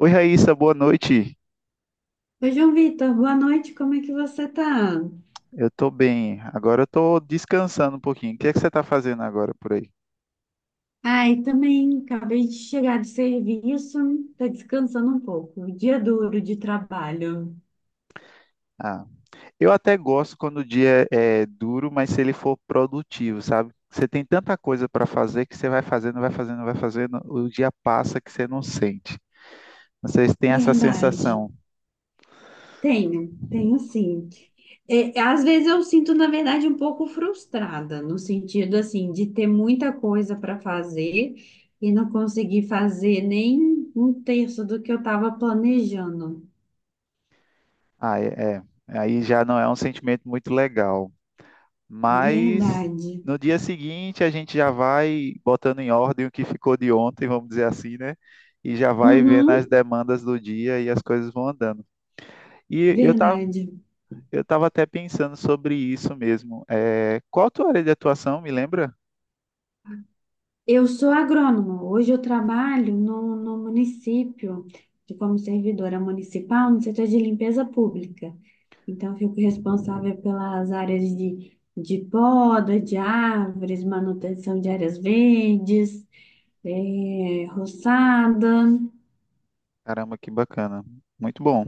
Oi, Raíssa, boa noite. Oi, João Vitor, boa noite, como é que você tá? Eu tô bem. Agora eu tô descansando um pouquinho. O que é que você tá fazendo agora por aí? Ai, também acabei de chegar do serviço, tá descansando um pouco. Dia duro de trabalho. Ah, eu até gosto quando o dia é duro, mas se ele for produtivo, sabe? Você tem tanta coisa para fazer que você vai fazendo, vai fazendo, vai fazendo, o dia passa que você não sente. Vocês têm essa sensação? Verdade. Tenho sim. Às vezes eu sinto, na verdade, um pouco frustrada, no sentido assim, de ter muita coisa para fazer e não conseguir fazer nem um terço do que eu estava planejando. Ah, é, é. Aí já não é um sentimento muito legal. Mas Verdade. no dia seguinte a gente já vai botando em ordem o que ficou de ontem, vamos dizer assim, né? E já vai vendo as Uhum, demandas do dia e as coisas vão andando. E eu tava, verdade. eu tava até pensando sobre isso mesmo. É, qual a tua área de atuação, me lembra? Eu sou agrônoma. Hoje eu trabalho no município, como servidora municipal, no setor de limpeza pública. Então, eu fico responsável pelas áreas de poda, de árvores, manutenção de áreas verdes, roçada. Caramba, que bacana. Muito bom.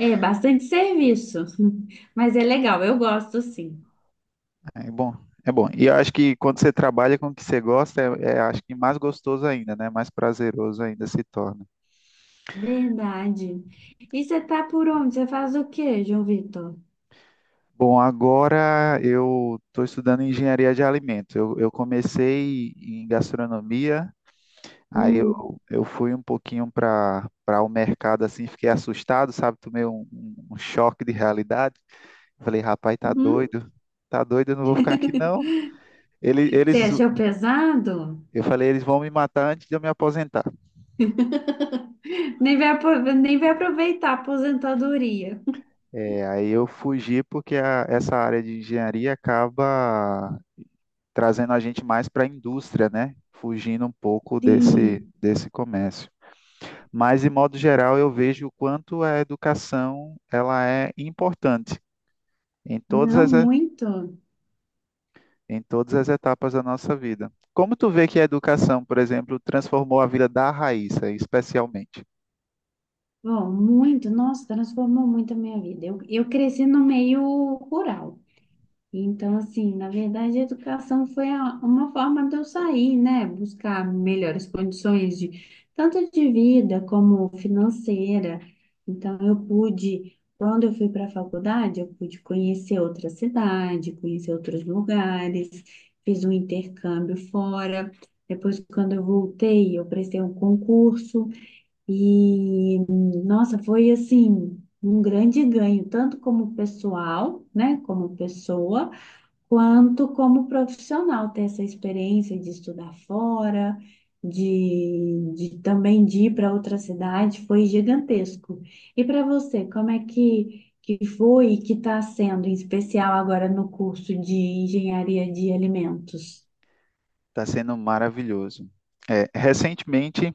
É, é bastante serviço, mas é legal, eu gosto sim. É bom, é bom. E eu acho que quando você trabalha com o que você gosta, é, é, acho que mais gostoso ainda, né? Mais prazeroso ainda se torna. Verdade. E você tá por onde? Você faz o quê, João Vitor? Bom, agora eu estou estudando engenharia de alimentos. Eu comecei em gastronomia, aí eu, Hum. eu fui um pouquinho para o mercado assim, fiquei assustado, sabe? Tomei um choque de realidade. Falei, rapaz, Uhum. Tá doido, eu não vou ficar aqui não. Ele, Você eles, achou pesado? eu falei, eles vão me matar antes de eu me aposentar. Nem vai, nem vai aproveitar a aposentadoria. É, aí eu fugi porque essa área de engenharia acaba trazendo a gente mais para a indústria, né? Fugindo um pouco desse, Sim, desse comércio. Mas, de modo geral, eu vejo o quanto a educação ela é importante em todas não as, e- muito. em todas as etapas da nossa vida. Como tu vê que a educação, por exemplo, transformou a vida da Raíssa, especialmente? Bom, muito. Nossa, transformou muito a minha vida. Eu cresci no meio rural. Então, assim, na verdade, a educação foi uma forma de eu sair, né? Buscar melhores condições de tanto de vida como financeira. Então, eu pude, quando eu fui para a faculdade, eu pude conhecer outra cidade, conhecer outros lugares, fiz um intercâmbio fora. Depois, quando eu voltei, eu prestei um concurso e, nossa, foi assim, um grande ganho, tanto como pessoal, né? Como pessoa quanto como profissional ter essa experiência de estudar fora, de também de ir para outra cidade, foi gigantesco. E para você, como é que foi e que está sendo, em especial agora no curso de Engenharia de Alimentos? Está sendo maravilhoso. É, recentemente,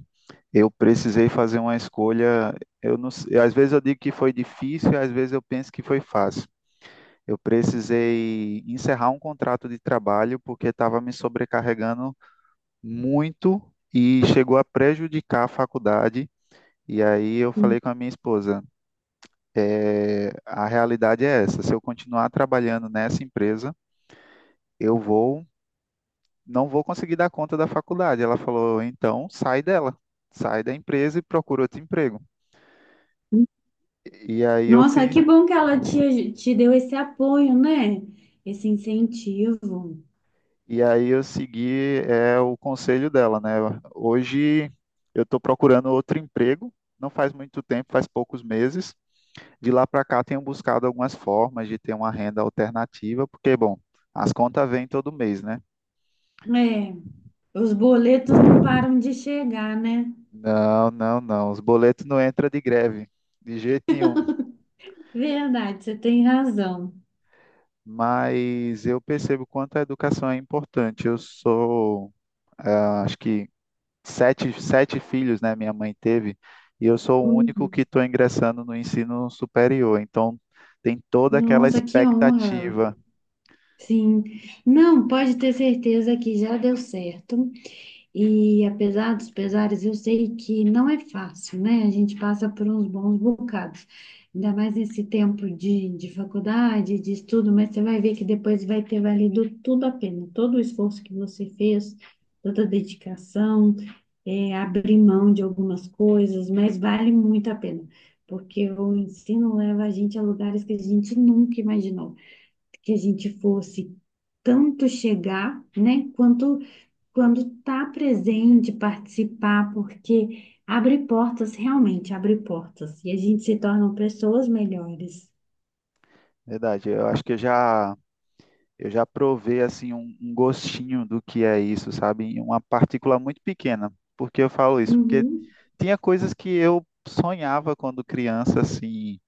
eu precisei fazer uma escolha. Eu não, sei- Às vezes eu digo que foi difícil, às vezes eu penso que foi fácil. Eu precisei encerrar um contrato de trabalho porque estava me sobrecarregando muito e chegou a prejudicar a faculdade. E aí eu Uhum. falei com a minha esposa: "É, a realidade é essa. Se eu continuar trabalhando nessa empresa, eu vou, não vou conseguir dar conta da faculdade." Ela falou: "Então sai dela, sai da empresa e procura outro emprego." E aí eu Nossa, fiz. que bom que ela te deu esse apoio, né? Esse incentivo. E aí eu segui, é, o conselho dela, né? Hoje eu estou procurando outro emprego, não faz muito tempo, faz poucos meses. De lá para cá tenho buscado algumas formas de ter uma renda alternativa, porque, bom, as contas vêm todo mês, né? É, os boletos não param de chegar, né? Não, não, não, os boletos não entram de greve, de jeito nenhum. Verdade, você tem razão. Mas eu percebo quanto a educação é importante. Acho que sete filhos, né? Minha mãe teve, e eu sou o único que Uhum. estou ingressando no ensino superior. Então, tem toda aquela Nossa, que honra. expectativa. Sim. Não, pode ter certeza que já deu certo. E apesar dos pesares, eu sei que não é fácil, né? A gente passa por uns bons bocados, ainda mais nesse tempo de faculdade, de estudo, mas você vai ver que depois vai ter valido tudo a pena, todo o esforço que você fez, toda a dedicação, é, abrir mão de algumas coisas, mas vale muito a pena, porque o ensino leva a gente a lugares que a gente nunca imaginou que a gente fosse tanto chegar, né, quanto quando está presente, participar, porque abre portas, realmente abre portas, e a gente se torna pessoas melhores. Verdade, eu acho que eu já provei assim um gostinho do que é isso, sabe? Em uma partícula muito pequena. Por que eu falo isso? Porque Uhum, tinha coisas que eu sonhava quando criança, assim,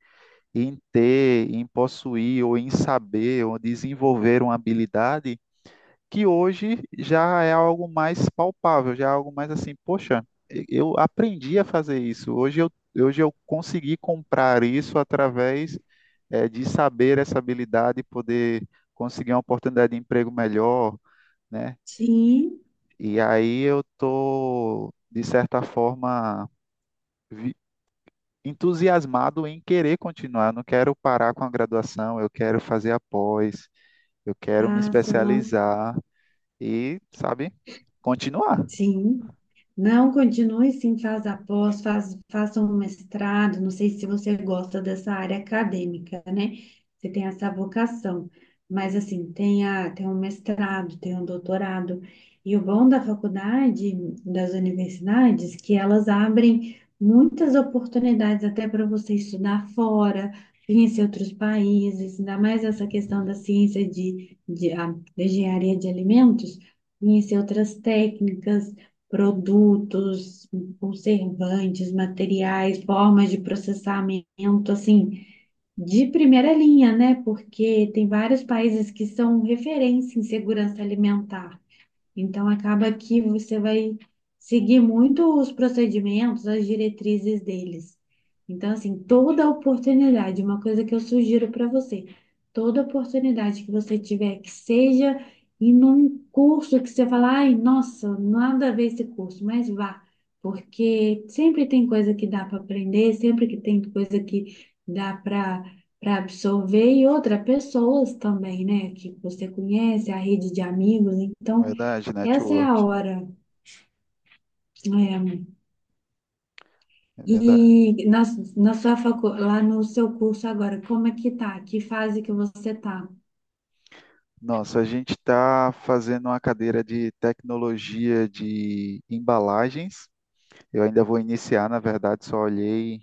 em ter, em possuir, ou em saber, ou desenvolver uma habilidade que hoje já é algo mais palpável, já é algo mais assim, poxa, eu aprendi a fazer isso. Hoje eu consegui comprar isso através de saber essa habilidade e poder conseguir uma oportunidade de emprego melhor, né? sim, E aí eu tô, de certa forma, vi- entusiasmado em querer continuar. Eu não quero parar com a graduação, eu quero fazer a pós, eu quero me passa. especializar e, sabe, continuar. Sim. Não continue sim, faz após, faz, faça um mestrado. Não sei se você gosta dessa área acadêmica, né? Você tem essa vocação. Mas assim, tenha, tenha um mestrado, tenha um doutorado. E o bom da faculdade, das universidades, que elas abrem muitas oportunidades até para você estudar fora, conhecer outros países, ainda mais essa questão da ciência da engenharia de alimentos conhecer outras técnicas, produtos, conservantes, materiais, formas de processamento, assim, de primeira linha, né? Porque tem vários países que são referência em segurança alimentar. Então, acaba que você vai seguir muito os procedimentos, as diretrizes deles. Então, assim, toda oportunidade, uma coisa que eu sugiro para você, toda oportunidade que você tiver, que seja em um curso que você fala, ai, nossa, nada a ver esse curso, mas vá, porque sempre tem coisa que dá para aprender, sempre que tem coisa que dá para absorver e outras pessoas também, né, que você conhece, a rede de amigos, então Verdade, essa é a network, hora. É. é verdade. E na sua facu, lá no seu curso agora, como é que tá? Que fase que você tá? Nossa, a gente está fazendo uma cadeira de tecnologia de embalagens. Eu ainda vou iniciar, na verdade, só olhei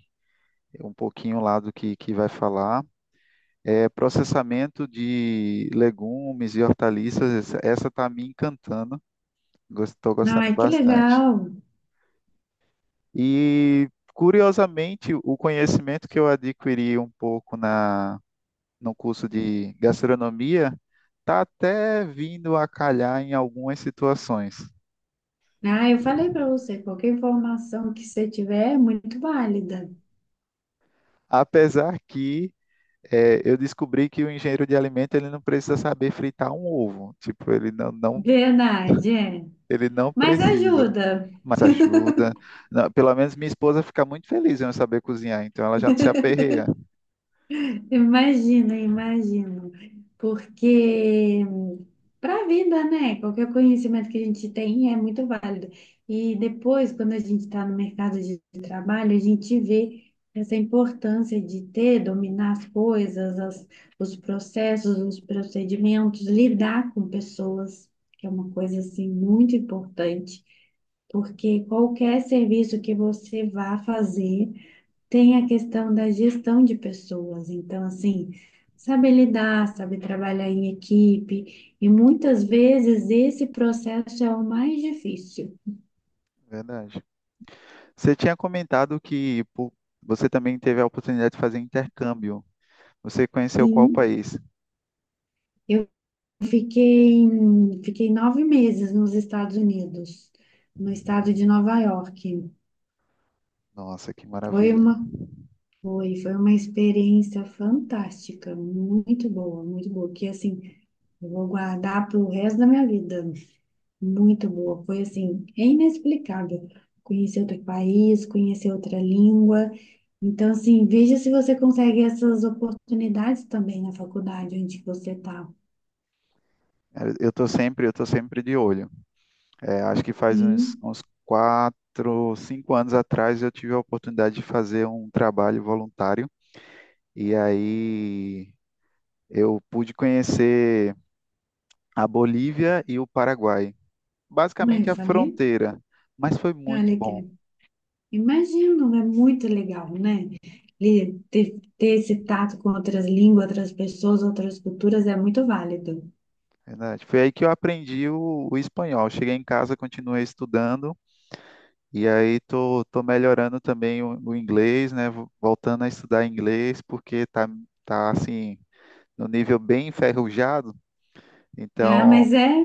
um pouquinho lá do que vai falar. É, processamento de legumes e hortaliças, essa está me encantando, estou gostando Ai, que bastante. legal! E, curiosamente, o conhecimento que eu adquiri um pouco na no curso de gastronomia está até vindo a calhar em algumas situações. Ah, eu falei para você, qualquer informação que você tiver é muito válida. Apesar que eu descobri que o engenheiro de alimento ele não precisa saber fritar um ovo. Tipo, Verdade, é. ele não Mas precisa, ajuda. mas ajuda. Não, pelo menos minha esposa fica muito feliz em eu saber cozinhar, então ela já não se aperreia. Imagino, imagino. Porque para a vida, né? Qualquer conhecimento que a gente tem é muito válido. E depois, quando a gente está no mercado de trabalho, a gente vê essa importância de ter, dominar as coisas, os processos, os procedimentos, lidar com pessoas, que é uma coisa assim muito importante. Porque qualquer serviço que você vá fazer, tem a questão da gestão de pessoas, então, assim, saber lidar, saber trabalhar em equipe, e muitas vezes esse processo é o mais difícil. Verdade. Você tinha comentado que pô, você também teve a oportunidade de fazer intercâmbio. Você conheceu qual Sim, país? eu fiquei, fiquei 9 meses nos Estados Unidos, no estado de Nova York. Nossa, que Foi maravilha. Uma experiência fantástica, muito boa, que assim, eu vou guardar para o resto da minha vida. Muito boa, foi assim, é inexplicável. Conhecer outro país, conhecer outra língua. Então, assim, veja se você consegue essas oportunidades também na faculdade onde você está. Eu tô sempre de olho. É, acho que faz uns, Sim, uns 4, 5 anos atrás eu tive a oportunidade de fazer um trabalho voluntário e aí eu pude conhecer a Bolívia e o Paraguai, mas eu basicamente a falei, fronteira, mas foi muito olha bom, que imagino, é muito legal, né? E ter esse tato com outras línguas, outras pessoas, outras culturas é muito válido. verdade. Foi aí que eu aprendi o espanhol. Cheguei em casa, continuei estudando e aí tô, tô melhorando também o inglês, né? Voltando a estudar inglês porque tá, tá assim no nível bem enferrujado, Ah, então, mas é,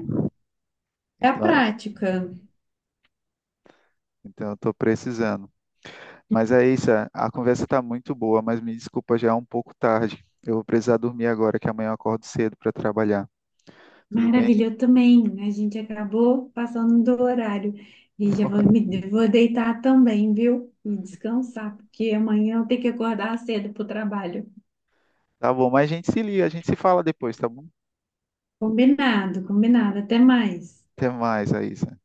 é a então, é- prática. então eu estou precisando. Mas é isso, é, a conversa está muito boa, mas me desculpa, já é um pouco tarde. Eu vou precisar dormir agora, que amanhã eu acordo cedo para trabalhar. Tudo Maravilha, bem? eu também. A gente acabou passando do horário e já vou me vou deitar também, viu? E descansar, porque amanhã eu tenho que acordar cedo para o trabalho. Tá bom, mas a gente se liga, a gente se fala depois, tá bom? Combinado, combinado. Até mais. Até mais, Aísa.